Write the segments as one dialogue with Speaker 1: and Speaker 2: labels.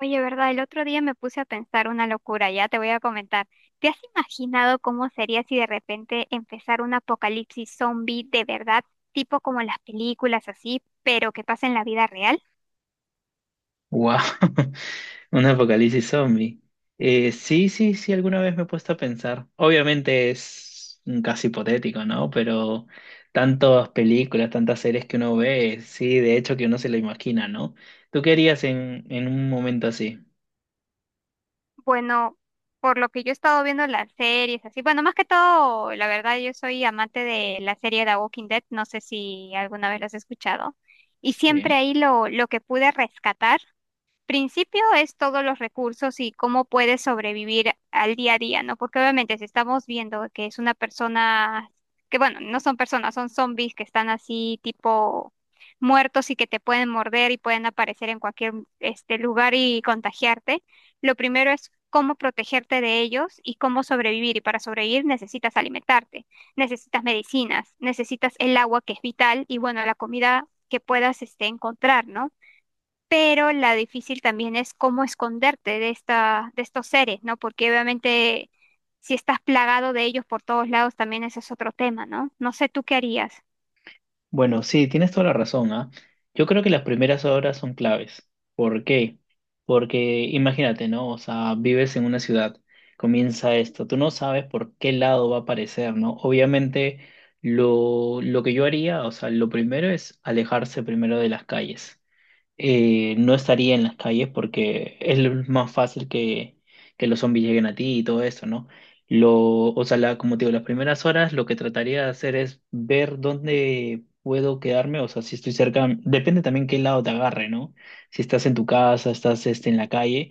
Speaker 1: Oye, ¿verdad? El otro día me puse a pensar una locura, ya te voy a comentar. ¿Te has imaginado cómo sería si de repente empezara un apocalipsis zombie de verdad, tipo como en las películas así, pero que pasa en la vida real?
Speaker 2: Wow, un apocalipsis zombie. Sí, sí, sí, alguna vez me he puesto a pensar. Obviamente es un caso hipotético, ¿no? Pero tantas películas, tantas series que uno ve, sí, de hecho que uno se lo imagina, ¿no? ¿Tú qué harías en un momento así?
Speaker 1: Bueno, por lo que yo he estado viendo las series así, bueno, más que todo, la verdad, yo soy amante de la serie The Walking Dead, no sé si alguna vez la has escuchado. Y siempre
Speaker 2: Sí.
Speaker 1: ahí lo que pude rescatar principio es todos los recursos y cómo puedes sobrevivir al día a día, ¿no? Porque obviamente si estamos viendo que es una persona, que bueno, no son personas, son zombies que están así tipo muertos y que te pueden morder y pueden aparecer en cualquier este lugar y contagiarte, lo primero es cómo protegerte de ellos y cómo sobrevivir. Y para sobrevivir necesitas alimentarte, necesitas medicinas, necesitas el agua que es vital y bueno, la comida que puedas este, encontrar, ¿no? Pero la difícil también es cómo esconderte de esta, de estos seres, ¿no? Porque obviamente si estás plagado de ellos por todos lados, también ese es otro tema, ¿no? No sé tú qué harías.
Speaker 2: Bueno, sí, tienes toda la razón, ¿ah? Yo creo que las primeras horas son claves. ¿Por qué? Porque imagínate, ¿no? O sea, vives en una ciudad, comienza esto, tú no sabes por qué lado va a aparecer, ¿no? Obviamente, lo que yo haría, o sea, lo primero es alejarse primero de las calles. No estaría en las calles porque es lo más fácil que los zombies lleguen a ti y todo eso, ¿no? O sea, como te digo, las primeras horas lo que trataría de hacer es ver dónde puedo quedarme, o sea, si estoy cerca, depende también qué lado te agarre, ¿no? Si estás en tu casa, estás en la calle,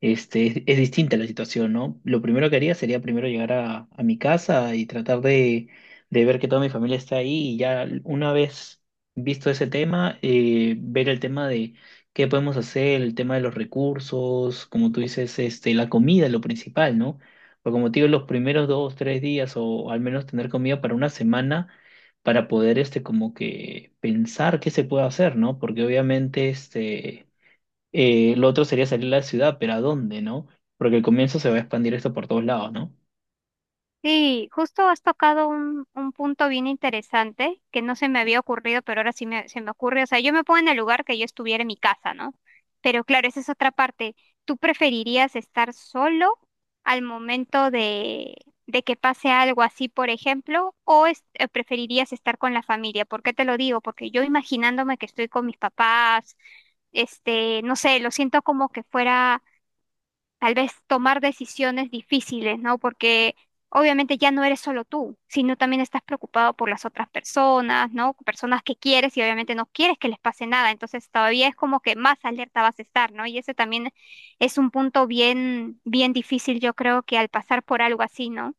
Speaker 2: es distinta la situación, ¿no? Lo primero que haría sería primero llegar a mi casa y tratar de ver que toda mi familia está ahí y ya una vez visto ese tema, ver el tema de qué podemos hacer, el tema de los recursos, como tú dices, la comida es lo principal, ¿no? Porque como te digo, los primeros dos, tres días o al menos tener comida para una semana para poder, como que pensar qué se puede hacer, ¿no? Porque obviamente, lo otro sería salir a la ciudad, pero ¿a dónde, no? Porque al comienzo se va a expandir esto por todos lados, ¿no?
Speaker 1: Sí, justo has tocado un punto bien interesante que no se me había ocurrido, pero ahora sí me, se me ocurre. O sea, yo me pongo en el lugar que yo estuviera en mi casa, ¿no? Pero claro, esa es otra parte. ¿Tú preferirías estar solo al momento de que pase algo así, por ejemplo, o preferirías estar con la familia? ¿Por qué te lo digo? Porque yo imaginándome que estoy con mis papás, este, no sé, lo siento como que fuera tal vez tomar decisiones difíciles, ¿no? Porque obviamente ya no eres solo tú, sino también estás preocupado por las otras personas, ¿no? Personas que quieres y obviamente no quieres que les pase nada, entonces todavía es como que más alerta vas a estar, ¿no? Y ese también es un punto bien, bien difícil, yo creo que al pasar por algo así, ¿no?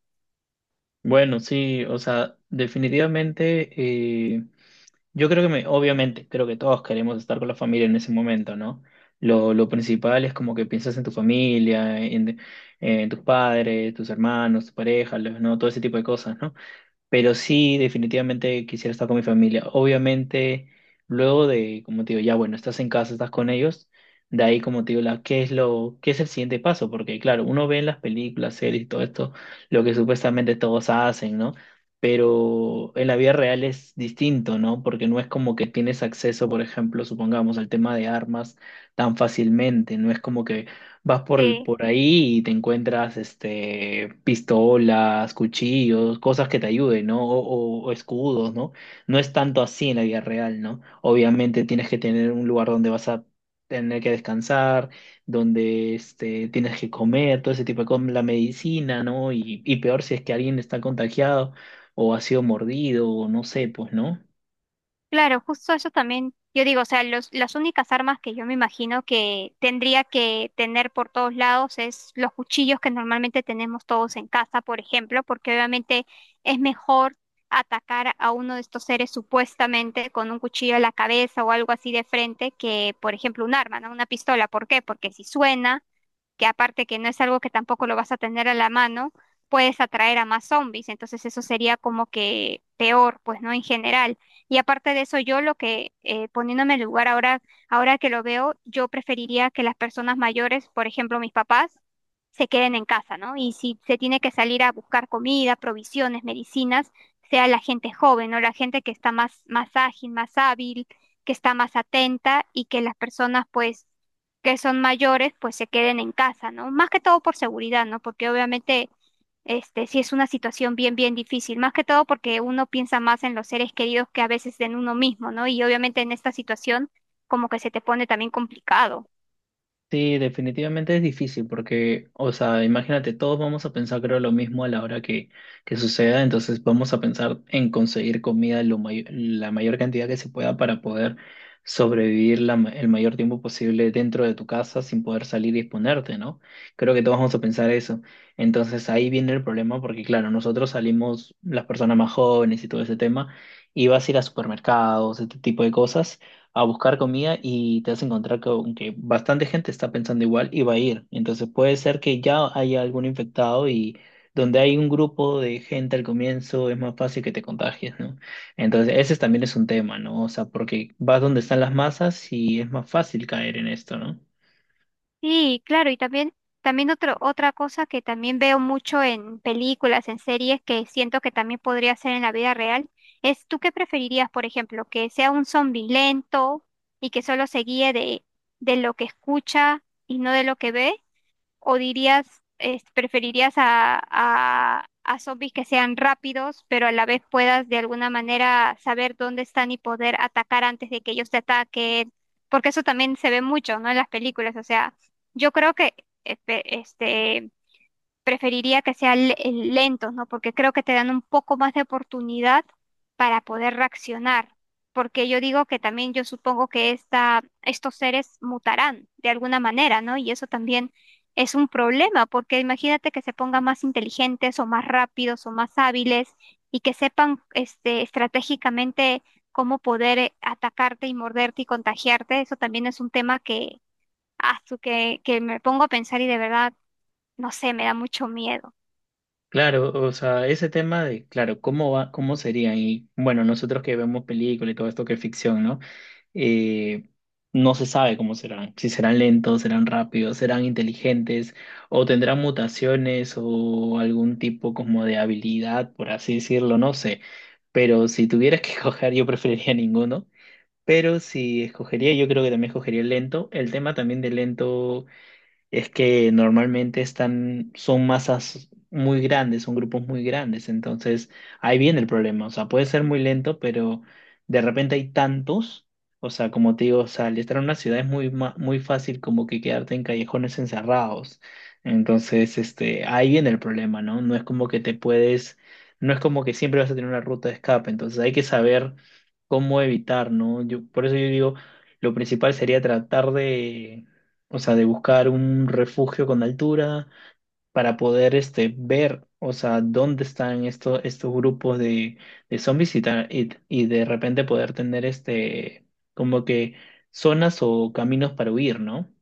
Speaker 2: Bueno, sí, o sea, definitivamente... eh, Yo creo que, obviamente, creo que todos queremos estar con la familia en ese momento, ¿no? Lo principal es como que piensas en tu familia, en tus padres, tus hermanos, tu pareja, ¿no? Todo ese tipo de cosas, ¿no? Pero sí, definitivamente quisiera estar con mi familia. Obviamente, luego de, como te digo, ya bueno, estás en casa, estás con ellos, de ahí, como te digo, la, ¿qué es lo, qué es el siguiente paso? Porque claro, uno ve en las películas, series y todo esto, lo que supuestamente todos hacen, ¿no? Pero en la vida real es distinto, ¿no? Porque no es como que tienes acceso, por ejemplo, supongamos, al tema de armas tan fácilmente, no es como que vas por,
Speaker 1: Sí.
Speaker 2: por ahí y te encuentras pistolas, cuchillos, cosas que te ayuden, ¿no? O, o escudos, ¿no? No es tanto así en la vida real, ¿no? Obviamente tienes que tener un lugar donde vas a tener que descansar, donde tienes que comer, todo ese tipo de cosas, la medicina, ¿no? Y peor si es que alguien está contagiado o ha sido mordido o no sé, pues, ¿no?
Speaker 1: Claro, justo eso también, yo digo, o sea, los, las únicas armas que yo me imagino que tendría que tener por todos lados es los cuchillos que normalmente tenemos todos en casa, por ejemplo, porque obviamente es mejor atacar a uno de estos seres supuestamente con un cuchillo a la cabeza o algo así de frente que, por ejemplo, un arma, ¿no? Una pistola. ¿Por qué? Porque si suena que aparte que no es algo que tampoco lo vas a tener a la mano, puedes atraer a más zombies, entonces eso sería como que peor, pues no en general. Y aparte de eso, yo lo que poniéndome en el lugar ahora, ahora que lo veo, yo preferiría que las personas mayores, por ejemplo, mis papás, se queden en casa, ¿no? Y si se tiene que salir a buscar comida, provisiones, medicinas, sea la gente joven, ¿no? La gente que está más, más ágil, más hábil, que está más atenta y que las personas pues que son mayores, pues se queden en casa, ¿no? Más que todo por seguridad, ¿no? Porque obviamente, este, sí es una situación bien, bien difícil, más que todo porque uno piensa más en los seres queridos que a veces en uno mismo, ¿no? Y obviamente en esta situación como que se te pone también complicado.
Speaker 2: Sí, definitivamente es difícil porque, o sea, imagínate, todos vamos a pensar creo lo mismo a la hora que suceda, entonces vamos a pensar en conseguir comida la mayor cantidad que se pueda para poder sobrevivir el mayor tiempo posible dentro de tu casa sin poder salir y exponerte, ¿no? Creo que todos vamos a pensar eso. Entonces ahí viene el problema porque, claro, nosotros salimos, las personas más jóvenes y todo ese tema, y vas a ir a supermercados, este tipo de cosas a buscar comida y te vas a encontrar con que bastante gente está pensando igual y va a ir. Entonces puede ser que ya haya algún infectado y donde hay un grupo de gente al comienzo es más fácil que te contagies, ¿no? Entonces ese también es un tema, ¿no? O sea, porque vas donde están las masas y es más fácil caer en esto, ¿no?
Speaker 1: Sí, claro, y también, también otro, otra cosa que también veo mucho en películas, en series, que siento que también podría ser en la vida real, es ¿tú qué preferirías, por ejemplo, que sea un zombi lento y que solo se guíe de lo que escucha y no de lo que ve? ¿O dirías, preferirías a zombies que sean rápidos, pero a la vez puedas de alguna manera saber dónde están y poder atacar antes de que ellos te ataquen? Porque eso también se ve mucho, ¿no? En las películas. O sea, yo creo que este, preferiría que sean lentos, ¿no? Porque creo que te dan un poco más de oportunidad para poder reaccionar. Porque yo digo que también yo supongo que esta, estos seres mutarán de alguna manera, ¿no? Y eso también es un problema, porque imagínate que se pongan más inteligentes o más rápidos o más hábiles y que sepan este, estratégicamente cómo poder atacarte y morderte y contagiarte. Eso también es un tema que, que me pongo a pensar y de verdad no sé, me da mucho miedo.
Speaker 2: Claro, o sea, ese tema de, claro, cómo va, cómo sería y bueno, nosotros que vemos películas y todo esto que es ficción, ¿no? eh, no se sabe cómo serán, si serán lentos, serán rápidos, serán inteligentes o tendrán mutaciones o algún tipo como de habilidad, por así decirlo, no sé. Pero si tuvieras que escoger, yo preferiría ninguno. Pero si escogería, yo creo que también escogería el lento. El tema también de lento es que normalmente están, son masas muy grandes, son grupos muy grandes, entonces ahí viene el problema, o sea, puede ser muy lento, pero de repente hay tantos, o sea, como te digo, o sea, al estar en una ciudad es muy fácil como que quedarte en callejones encerrados, entonces, ahí viene el problema, ¿no? No es como que te puedes, no es como que siempre vas a tener una ruta de escape, entonces hay que saber cómo evitar, ¿no? Yo, por eso yo digo, lo principal sería tratar de, o sea, de buscar un refugio con altura para poder ver, o sea, dónde están estos grupos de zombies y de repente poder tener como que zonas o caminos para huir, ¿no?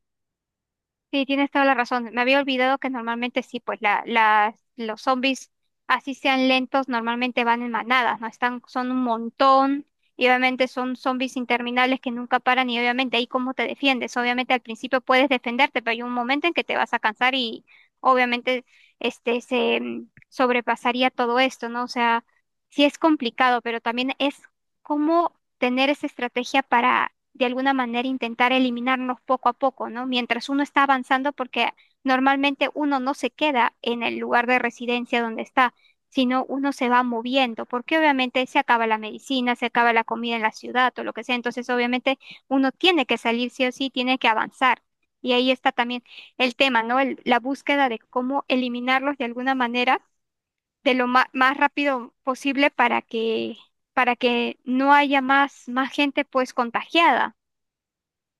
Speaker 1: Sí, tienes toda la razón. Me había olvidado que normalmente sí, pues la, las, los zombies, así sean lentos, normalmente van en manadas, ¿no? Están, son un montón y obviamente son zombies interminables que nunca paran y obviamente ahí cómo te defiendes. Obviamente al principio puedes defenderte, pero hay un momento en que te vas a cansar y obviamente este se sobrepasaría todo esto, ¿no? O sea, sí es complicado, pero también es cómo tener esa estrategia para de alguna manera intentar eliminarnos poco a poco, ¿no? Mientras uno está avanzando, porque normalmente uno no se queda en el lugar de residencia donde está, sino uno se va moviendo, porque obviamente se acaba la medicina, se acaba la comida en la ciudad o lo que sea, entonces obviamente uno tiene que salir sí o sí, tiene que avanzar. Y ahí está también el tema, ¿no? La búsqueda de cómo eliminarlos de alguna manera, de lo más rápido posible para que no haya más, más gente pues contagiada.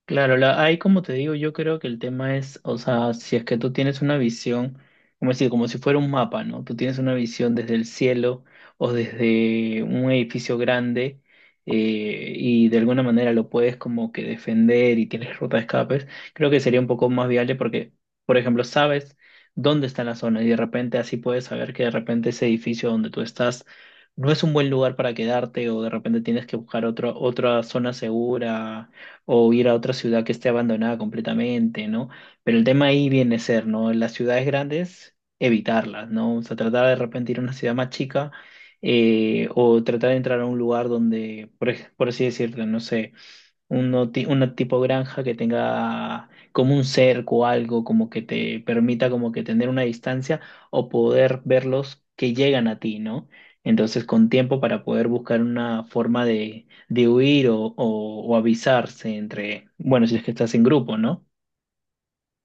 Speaker 2: Claro, la, ahí como te digo, yo creo que el tema es, o sea, si es que tú tienes una visión, como decir, como si fuera un mapa, ¿no? Tú tienes una visión desde el cielo o desde un edificio grande, y de alguna manera lo puedes como que defender y tienes ruta de escapes, creo que sería un poco más viable porque, por ejemplo, sabes dónde está la zona y de repente así puedes saber que de repente ese edificio donde tú estás no es un buen lugar para quedarte o de repente tienes que buscar otro, otra zona segura o ir a otra ciudad que esté abandonada completamente, ¿no? Pero el tema ahí viene a ser, ¿no? En las ciudades grandes, evitarlas, ¿no? O sea, tratar de repente ir a una ciudad más chica, o tratar de entrar a un lugar donde, por así decirlo, no sé. Una tipo granja que tenga como un cerco o algo como que te permita como que tener una distancia o poder verlos que llegan a ti, ¿no? Entonces con tiempo para poder buscar una forma de huir o avisarse entre, bueno, si es que estás en grupo, ¿no?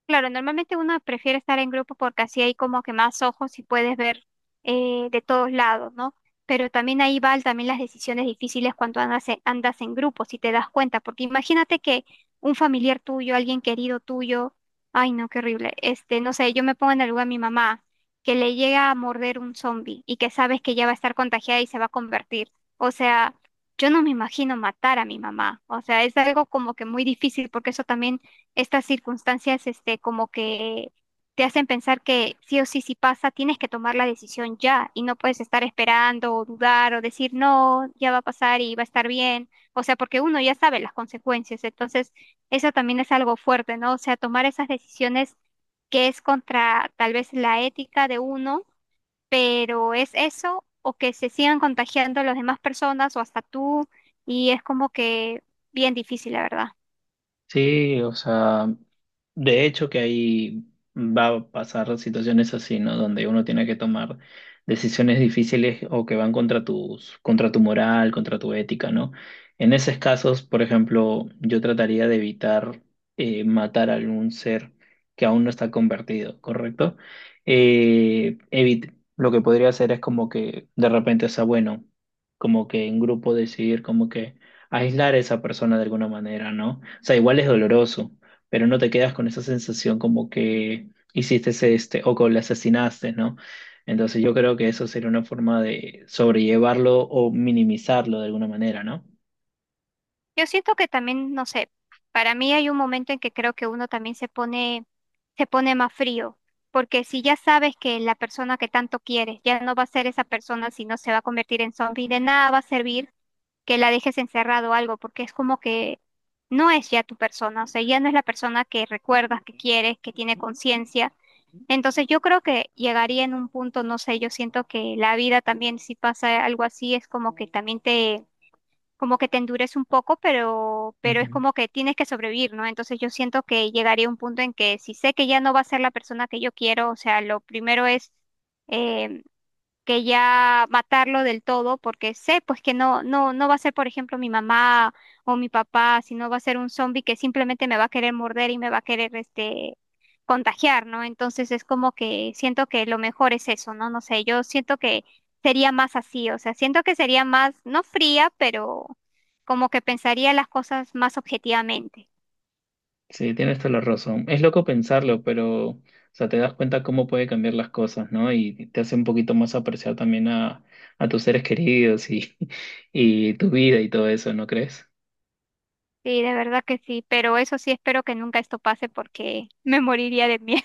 Speaker 1: Claro, normalmente uno prefiere estar en grupo porque así hay como que más ojos y puedes ver de todos lados, ¿no? Pero también ahí van también las decisiones difíciles cuando andas en, andas en grupo, si te das cuenta, porque imagínate que un familiar tuyo, alguien querido tuyo, ay no, qué horrible, este, no sé, yo me pongo en el lugar de mi mamá, que le llega a morder un zombie y que sabes que ya va a estar contagiada y se va a convertir. O sea, yo no me imagino matar a mi mamá, o sea, es algo como que muy difícil porque eso también estas circunstancias, este, como que te hacen pensar que sí o sí, si pasa, tienes que tomar la decisión ya y no puedes estar esperando o dudar o decir no, ya va a pasar y va a estar bien. O sea, porque uno ya sabe las consecuencias. Entonces, eso también es algo fuerte, ¿no? O sea, tomar esas decisiones que es contra tal vez la ética de uno, pero es eso o que se sigan contagiando las demás personas o hasta tú y es como que bien difícil, la verdad.
Speaker 2: Sí, o sea. De hecho, que ahí va a pasar situaciones así, ¿no? Donde uno tiene que tomar decisiones difíciles o que van contra tus, contra tu moral, contra tu ética, ¿no? En esos casos, por ejemplo, yo trataría de evitar matar a algún ser que aún no está convertido, ¿correcto? Lo que podría hacer es como que de repente, o sea, bueno, como que en grupo decidir como que aislar a esa persona de alguna manera, ¿no? O sea, igual es doloroso, pero no te quedas con esa sensación como que hiciste este o que le asesinaste, ¿no? Entonces yo creo que eso sería una forma de sobrellevarlo o minimizarlo de alguna manera, ¿no?
Speaker 1: Yo siento que también, no sé, para mí hay un momento en que creo que uno también se pone más frío, porque si ya sabes que la persona que tanto quieres ya no va a ser esa persona, sino se va a convertir en zombie, de nada va a servir que la dejes encerrado o algo, porque es como que no es ya tu persona, o sea, ya no es la persona que recuerdas, que quieres, que tiene conciencia. Entonces yo creo que llegaría en un punto, no sé, yo siento que la vida también, si pasa algo así, es como que también te como que te endurece un poco, pero es
Speaker 2: Ujú.
Speaker 1: como que tienes que sobrevivir, ¿no? Entonces yo siento que llegaría a un punto en que si sé que ya no va a ser la persona que yo quiero, o sea, lo primero es eh, que ya matarlo del todo, porque sé pues que no, no, no va a ser, por ejemplo, mi mamá o mi papá, sino va a ser un zombie que simplemente me va a querer morder y me va a querer este contagiar, ¿no? Entonces es como que siento que lo mejor es eso, ¿no? No sé, yo siento que sería más así, o sea, siento que sería más, no fría, pero como que pensaría las cosas más objetivamente.
Speaker 2: Sí, tienes toda la razón. Es loco pensarlo, pero, o sea, te das cuenta cómo puede cambiar las cosas, ¿no? Y te hace un poquito más apreciar también a tus seres queridos y, y tu vida y todo eso, ¿no crees?
Speaker 1: Sí, de verdad que sí, pero eso sí espero que nunca esto pase porque me moriría de miedo.